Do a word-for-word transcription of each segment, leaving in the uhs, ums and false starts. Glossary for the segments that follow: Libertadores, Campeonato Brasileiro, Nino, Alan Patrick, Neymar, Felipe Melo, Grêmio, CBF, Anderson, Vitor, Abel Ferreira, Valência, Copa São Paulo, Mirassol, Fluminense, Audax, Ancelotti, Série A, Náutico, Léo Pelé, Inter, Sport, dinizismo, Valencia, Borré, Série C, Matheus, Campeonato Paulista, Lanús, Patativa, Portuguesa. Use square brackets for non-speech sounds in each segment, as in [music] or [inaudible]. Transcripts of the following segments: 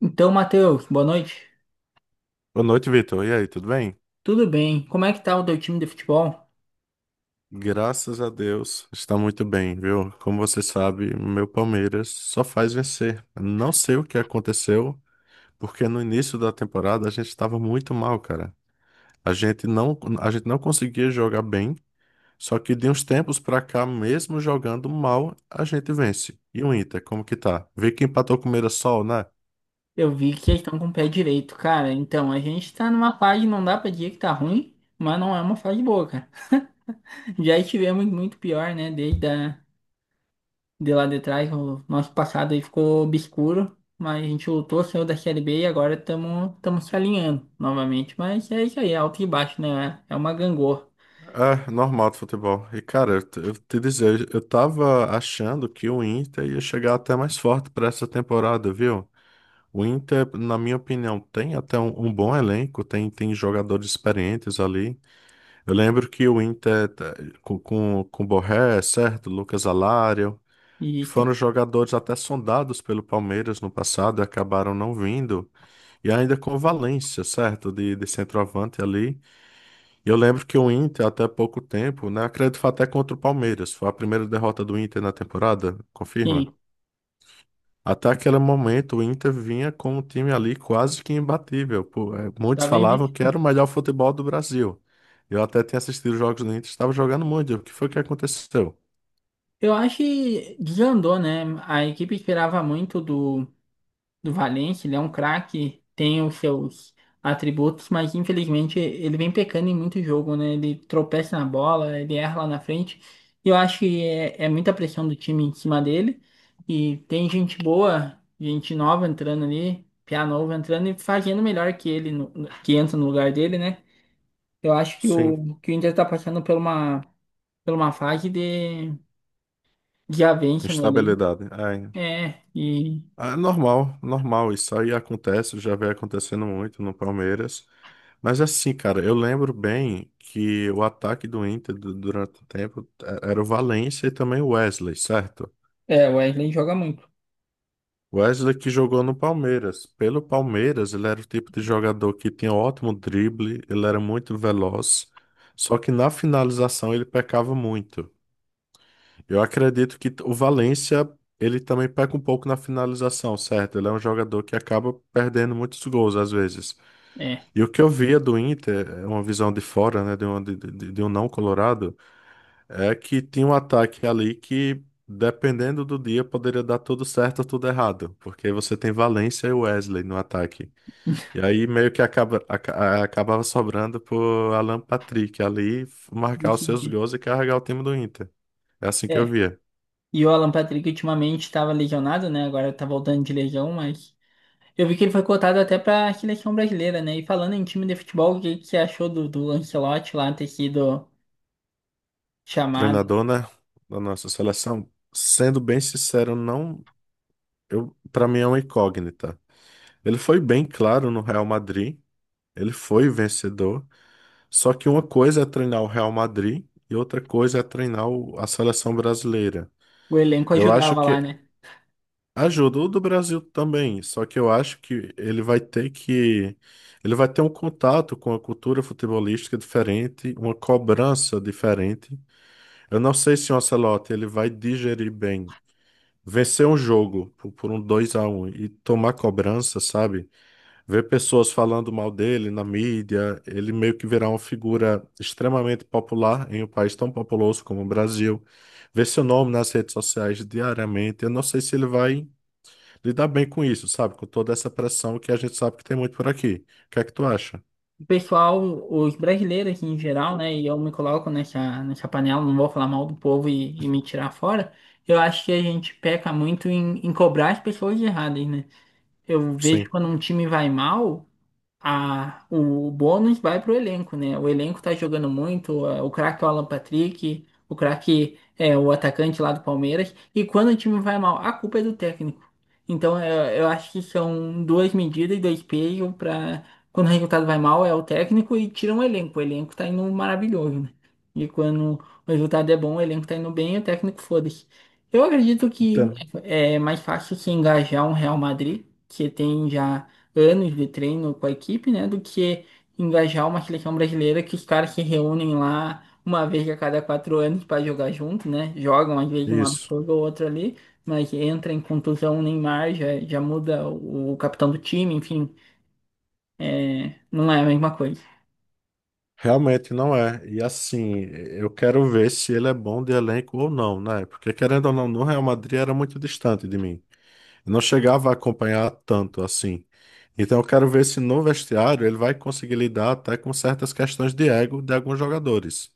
Então, Matheus, boa noite. Boa noite, Vitor. E aí, tudo bem? Tudo bem? Como é que tá o teu time de futebol? Graças a Deus, está muito bem, viu? Como você sabe, meu Palmeiras só faz vencer. Não sei o que aconteceu, porque no início da temporada a gente estava muito mal, cara. A gente não, a gente não conseguia jogar bem, só que de uns tempos pra cá, mesmo jogando mal, a gente vence. E o Inter, como que tá? Vê que empatou com o Mirassol, né? Eu vi que eles estão com o pé direito, cara. Então, a gente tá numa fase, não dá pra dizer que tá ruim, mas não é uma fase boa, cara. [laughs] Já estivemos muito pior, né? Desde a, de lá de trás, o nosso passado aí ficou obscuro, mas a gente lutou, saiu da Série B e agora estamos se alinhando novamente. Mas é isso aí, é alto e baixo, né? É é uma gangorra. É, normal do futebol. E, cara, eu, te eu te dizer, eu tava achando que o Inter ia chegar até mais forte para essa temporada, viu? O Inter, na minha opinião, tem até um, um bom elenco, tem, tem jogadores experientes ali. Eu lembro que o Inter, tá, com, com, com Borré, é certo? Lucas Alário, que foram Isso. jogadores até sondados pelo Palmeiras no passado e acabaram não vindo. E ainda com o Valência, certo? De, de centroavante ali. Eu lembro que o Inter, até pouco tempo, né? Acredito que foi até contra o Palmeiras. Foi a primeira derrota do Inter na temporada, confirma? Sim, Até aquele momento, o Inter vinha com um time ali quase que imbatível. Pô, é, muitos tá bem, falavam Vic. que era o melhor futebol do Brasil. Eu até tinha assistido os jogos do Inter, estava jogando muito. O que foi que aconteceu? Eu acho que desandou, né? A equipe esperava muito do. Do Valencia, ele é um craque, tem os seus atributos, mas infelizmente ele vem pecando em muito jogo, né? Ele tropeça na bola, ele erra lá na frente. E eu acho que é, é muita pressão do time em cima dele. E tem gente boa, gente nova entrando ali, piá novo entrando e fazendo melhor que ele, no- no- que entra no lugar dele, né? Eu acho que Sim, o, que o Inter tá passando por uma, por uma fase de, de avanço no elenco. instabilidade. É. É, e Ah, é normal, normal, isso aí acontece, já vem acontecendo muito no Palmeiras. Mas assim, cara, eu lembro bem que o ataque do Inter du- durante o tempo eh, era o Valencia e também o Wesley, certo? é, o Wesley joga muito. Wesley que jogou no Palmeiras. Pelo Palmeiras, ele era o tipo de jogador que tinha ótimo drible, ele era muito veloz, só que na finalização ele pecava muito. Eu acredito que o Valencia ele também peca um pouco na finalização, certo? Ele é um jogador que acaba perdendo muitos gols às vezes. É, E o que eu via do Inter, é uma visão de fora, né, de um, de, de- de um não colorado, é que tinha um ataque ali que, dependendo do dia, poderia dar tudo certo ou tudo errado, porque você tem Valencia e Wesley no ataque. E aí meio que acaba, aca- a- acabava sobrando pro Alan Patrick ali marcar os seus decidi. gols e carregar o time do Inter. É assim que eu via. E o Alan Patrick ultimamente estava lesionado, né? Agora tá voltando de legião, mas eu vi que ele foi cotado até para a seleção brasileira, né? E falando em time de futebol, o que que você achou do, do Ancelotti lá ter sido chamado? Treinador, né, da nossa seleção, sendo bem sincero, não, eu, para mim é uma incógnita. Ele foi bem claro no Real Madrid, ele foi vencedor, só que uma coisa é treinar o Real Madrid e outra coisa é treinar o- a seleção brasileira. O elenco Eu acho ajudava lá, que né? ajudou do Brasil também, só que eu acho que ele vai ter que ele vai ter um contato com a cultura futebolística diferente, uma cobrança diferente. Eu não sei se o Ancelotti ele vai digerir bem vencer um jogo por, por um dois a um e tomar cobrança, sabe? Ver pessoas falando mal dele na mídia, ele meio que virar uma figura extremamente popular em um país tão populoso como o Brasil. Ver seu nome nas redes sociais diariamente, eu não sei se ele vai lidar bem com isso, sabe? Com toda essa pressão que a gente sabe que tem muito por aqui. O que é que tu acha? O pessoal, os brasileiros assim, em geral, né? E eu me coloco nessa, nessa panela, não vou falar mal do povo e, e me tirar fora. Eu acho que a gente peca muito em, em cobrar as pessoas erradas, né? Eu vejo Sim, quando um time vai mal. A, o bônus vai pro elenco, né? O elenco tá jogando muito, a- o craque é o Alan Patrick, o craque é o atacante lá do Palmeiras, e quando o time vai mal, a culpa é do técnico. Então eu, eu acho que são duas medidas e dois pesos para quando o resultado vai mal é o técnico e tira o elenco. O elenco tá indo maravilhoso, né? E quando o resultado é bom, o elenco tá indo bem, o técnico foda-se. Eu acredito que entendo. é é mais fácil se engajar um Real Madrid, que tem já anos de treino com a equipe, né? Do que engajar uma seleção brasileira que os caras se reúnem lá uma vez a cada quatro anos para jogar junto, né? Jogam às vezes um Isso. absurdo ou outro ali, mas entra em contusão o Neymar, já, já muda o, o capitão do time, enfim, é, não é a mesma coisa. Realmente não é. E assim, eu quero ver se ele é bom de elenco ou não, né? Porque querendo ou não, no Real Madrid era muito distante de mim. Eu não chegava a acompanhar tanto assim. Então eu quero ver se no vestiário ele vai conseguir lidar até com certas questões de ego de alguns jogadores.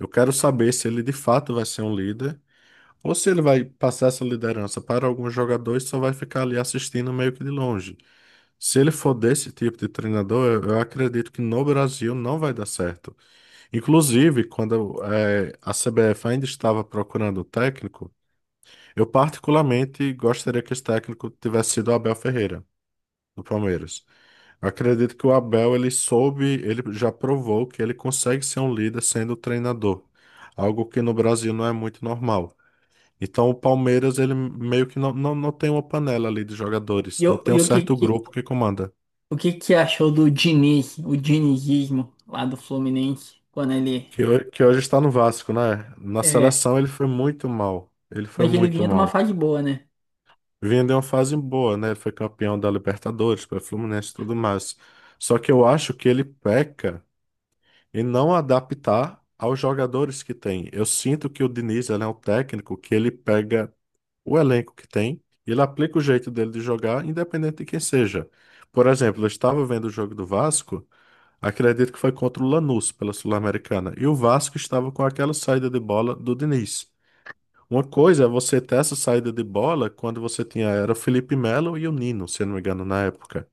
Eu quero saber se ele de fato vai ser um líder ou se ele vai passar essa liderança para alguns jogadores e só vai ficar ali assistindo meio que de longe. Se ele for desse tipo de treinador, eu eu acredito que no Brasil não vai dar certo. Inclusive, quando eh, a C B F ainda estava procurando o técnico, eu particularmente gostaria que esse técnico tivesse sido o Abel Ferreira, do Palmeiras. Eu acredito que o Abel, ele soube, ele já provou que ele consegue ser um líder sendo treinador, algo que no Brasil não é muito normal. Então, o Palmeiras, ele meio que não, não, não tem uma panela ali de jogadores, E, o não tem um e o que, certo que, grupo que comanda. o que que achou do Diniz, o dinizismo lá do Fluminense, quando ele. Que, ho- que hoje está no Vasco, né? Na É, seleção ele foi muito mal. Ele foi mas ele muito vinha de uma mal. fase boa, né? Vinha de uma fase boa, né? Ele foi campeão da Libertadores, pelo Fluminense e tudo mais. Só que eu acho que ele peca em não adaptar aos jogadores que tem. Eu sinto que o Diniz, ele é um técnico que ele pega o elenco que tem e ele aplica o jeito dele de jogar, independente de quem seja. Por exemplo, eu estava vendo o jogo do Vasco, acredito que foi contra o Lanús pela Sul-Americana, e o Vasco estava com aquela saída de bola do Diniz. Uma coisa é você ter essa saída de bola quando você tinha, era o Felipe Melo e o Nino, se eu não me engano, na época.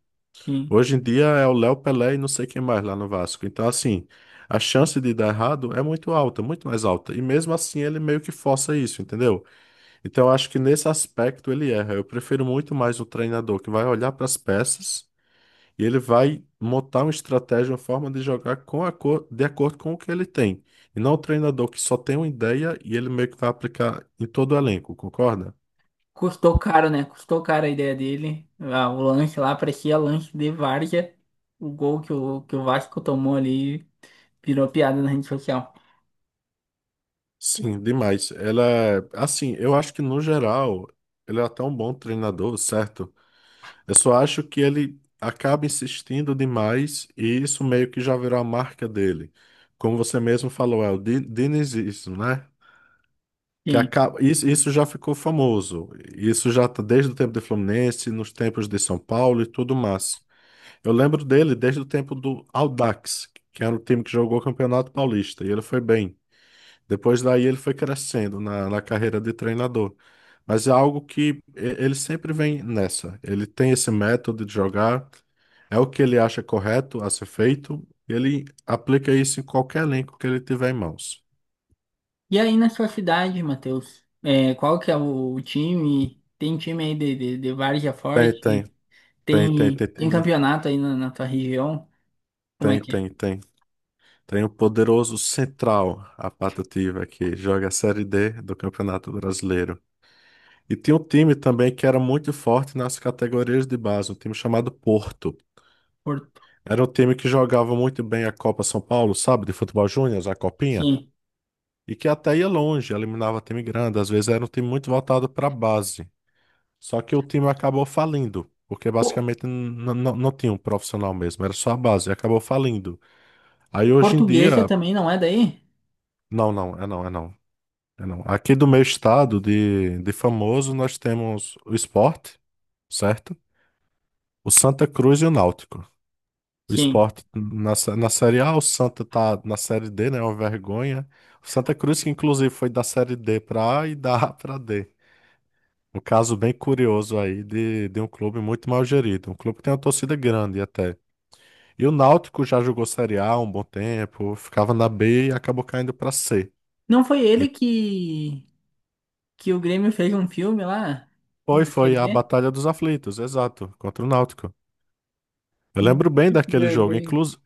Hoje em dia é o Léo Pelé e não sei quem mais lá no Vasco. Então, assim, a chance de dar errado é muito alta, muito mais alta. E mesmo assim ele meio que força isso, entendeu? Então, eu acho que nesse aspecto ele erra. Eu prefiro muito mais o treinador que vai olhar para as peças e ele vai montar uma estratégia, uma forma de jogar com a cor, de acordo com o que ele tem. E não o treinador que só tem uma ideia e ele meio que vai aplicar em todo o elenco, concorda? Custou caro, né? Custou caro a ideia dele. Ah, o lanche lá parecia lanche de várzea. O gol que o, que o Vasco tomou ali virou piada na rede social. Sim, demais. Ela, é- assim, eu acho que no geral ele é até um bom treinador, certo? Eu só acho que ele acaba insistindo demais e isso meio que já virou a marca dele. Como você mesmo falou, é o di- dinizismo, né? Que Sim. acaba, isso, isso já ficou famoso. Isso já tá desde o tempo do Fluminense, nos tempos de São Paulo e tudo mais. Eu lembro dele desde o tempo do Audax, que era o time que jogou o Campeonato Paulista, e ele foi bem. Depois daí ele foi crescendo na, na carreira de treinador. Mas é algo que e- ele sempre vem nessa. Ele tem esse método de jogar, é o que ele acha correto a ser feito, ele aplica isso em qualquer elenco que ele tiver em mãos. E aí na sua cidade, Matheus? É, qual que é o, o time? Tem time aí de, de, de várzea Tem, tem, forte? tem, tem, Tem tem, tem tem, campeonato aí na, na tua região? Como é tem, que é? tem, tem. Tem o poderoso Central, a patativa, que joga a série dê do Campeonato Brasileiro. E tinha um time também que era muito forte nas categorias de base, um time chamado Porto. Por- Era um time que jogava muito bem a Copa São Paulo, sabe, de futebol júnior, a Copinha, Sim. e que até ia longe, eliminava time grande, às vezes era um time muito voltado para a base. Só que o time acabou falindo, porque basicamente n- n- não tinha um profissional mesmo, era só a base, e acabou falindo. Aí hoje em Portuguesa dia, também não é daí? não, não, é não, é não. É, não. Aqui do meu estado de, de famoso, nós temos o Sport, certo? O Santa Cruz e o Náutico. O Sim. Sport na, sé- na Série A, o Santa tá na série dê, né? É uma vergonha. O Santa Cruz, que inclusive foi da série dê pra A e da A pra D. Um caso bem curioso aí de, de um clube muito mal gerido. Um clube que tem uma torcida grande até. E o Náutico já jogou Série A um bom tempo, ficava na B e acabou caindo pra C. Não foi ele E que, que o Grêmio fez um filme lá foi, na Série foi a B? Batalha dos Aflitos, exato, contra o Náutico. Eu Meu lembro bem Deus, que daquele jogo, vergonha. inclus-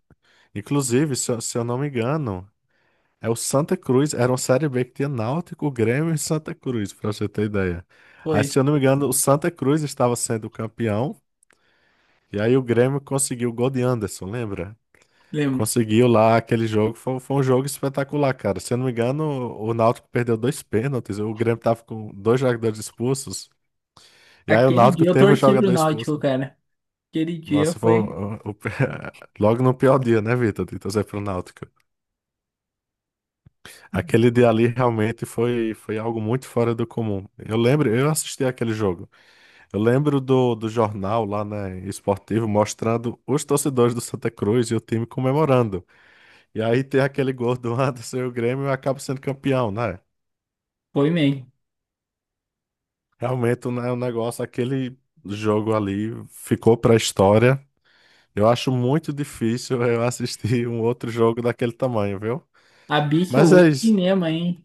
inclusive, se eu, se eu não me engano, é o Santa Cruz, era uma série bê que tinha Náutico, Grêmio e Santa Cruz, pra você ter ideia. Foi, Aí, se eu não me engano, o Santa Cruz estava sendo campeão, e aí o Grêmio conseguiu o gol de Anderson, lembra? lembro. Conseguiu lá aquele jogo, foi, foi um jogo espetacular, cara. Se eu não me engano, o o Náutico perdeu dois pênaltis, o Grêmio tava com dois jogadores expulsos, e aí o Aquele Náutico dia eu teve um torci pro jogador Náutico, expulso. cara. Aquele dia Nossa, foi foi, o- o- [laughs] logo no pior dia, né, Vitor? De torcer pro Náutico. Aquele dia ali realmente foi, foi algo muito fora do comum. Eu lembro, eu assisti aquele jogo. Eu lembro do, do jornal lá, né, esportivo, mostrando os torcedores do Santa Cruz e o time comemorando. E aí tem aquele gol do Anderson e o Grêmio acaba sendo campeão, né? foi mesmo. Realmente, né, o negócio, aquele jogo ali ficou pra história. Eu acho muito difícil eu assistir um outro jogo daquele tamanho, viu? Mas é Absoluto isso. cinema, hein?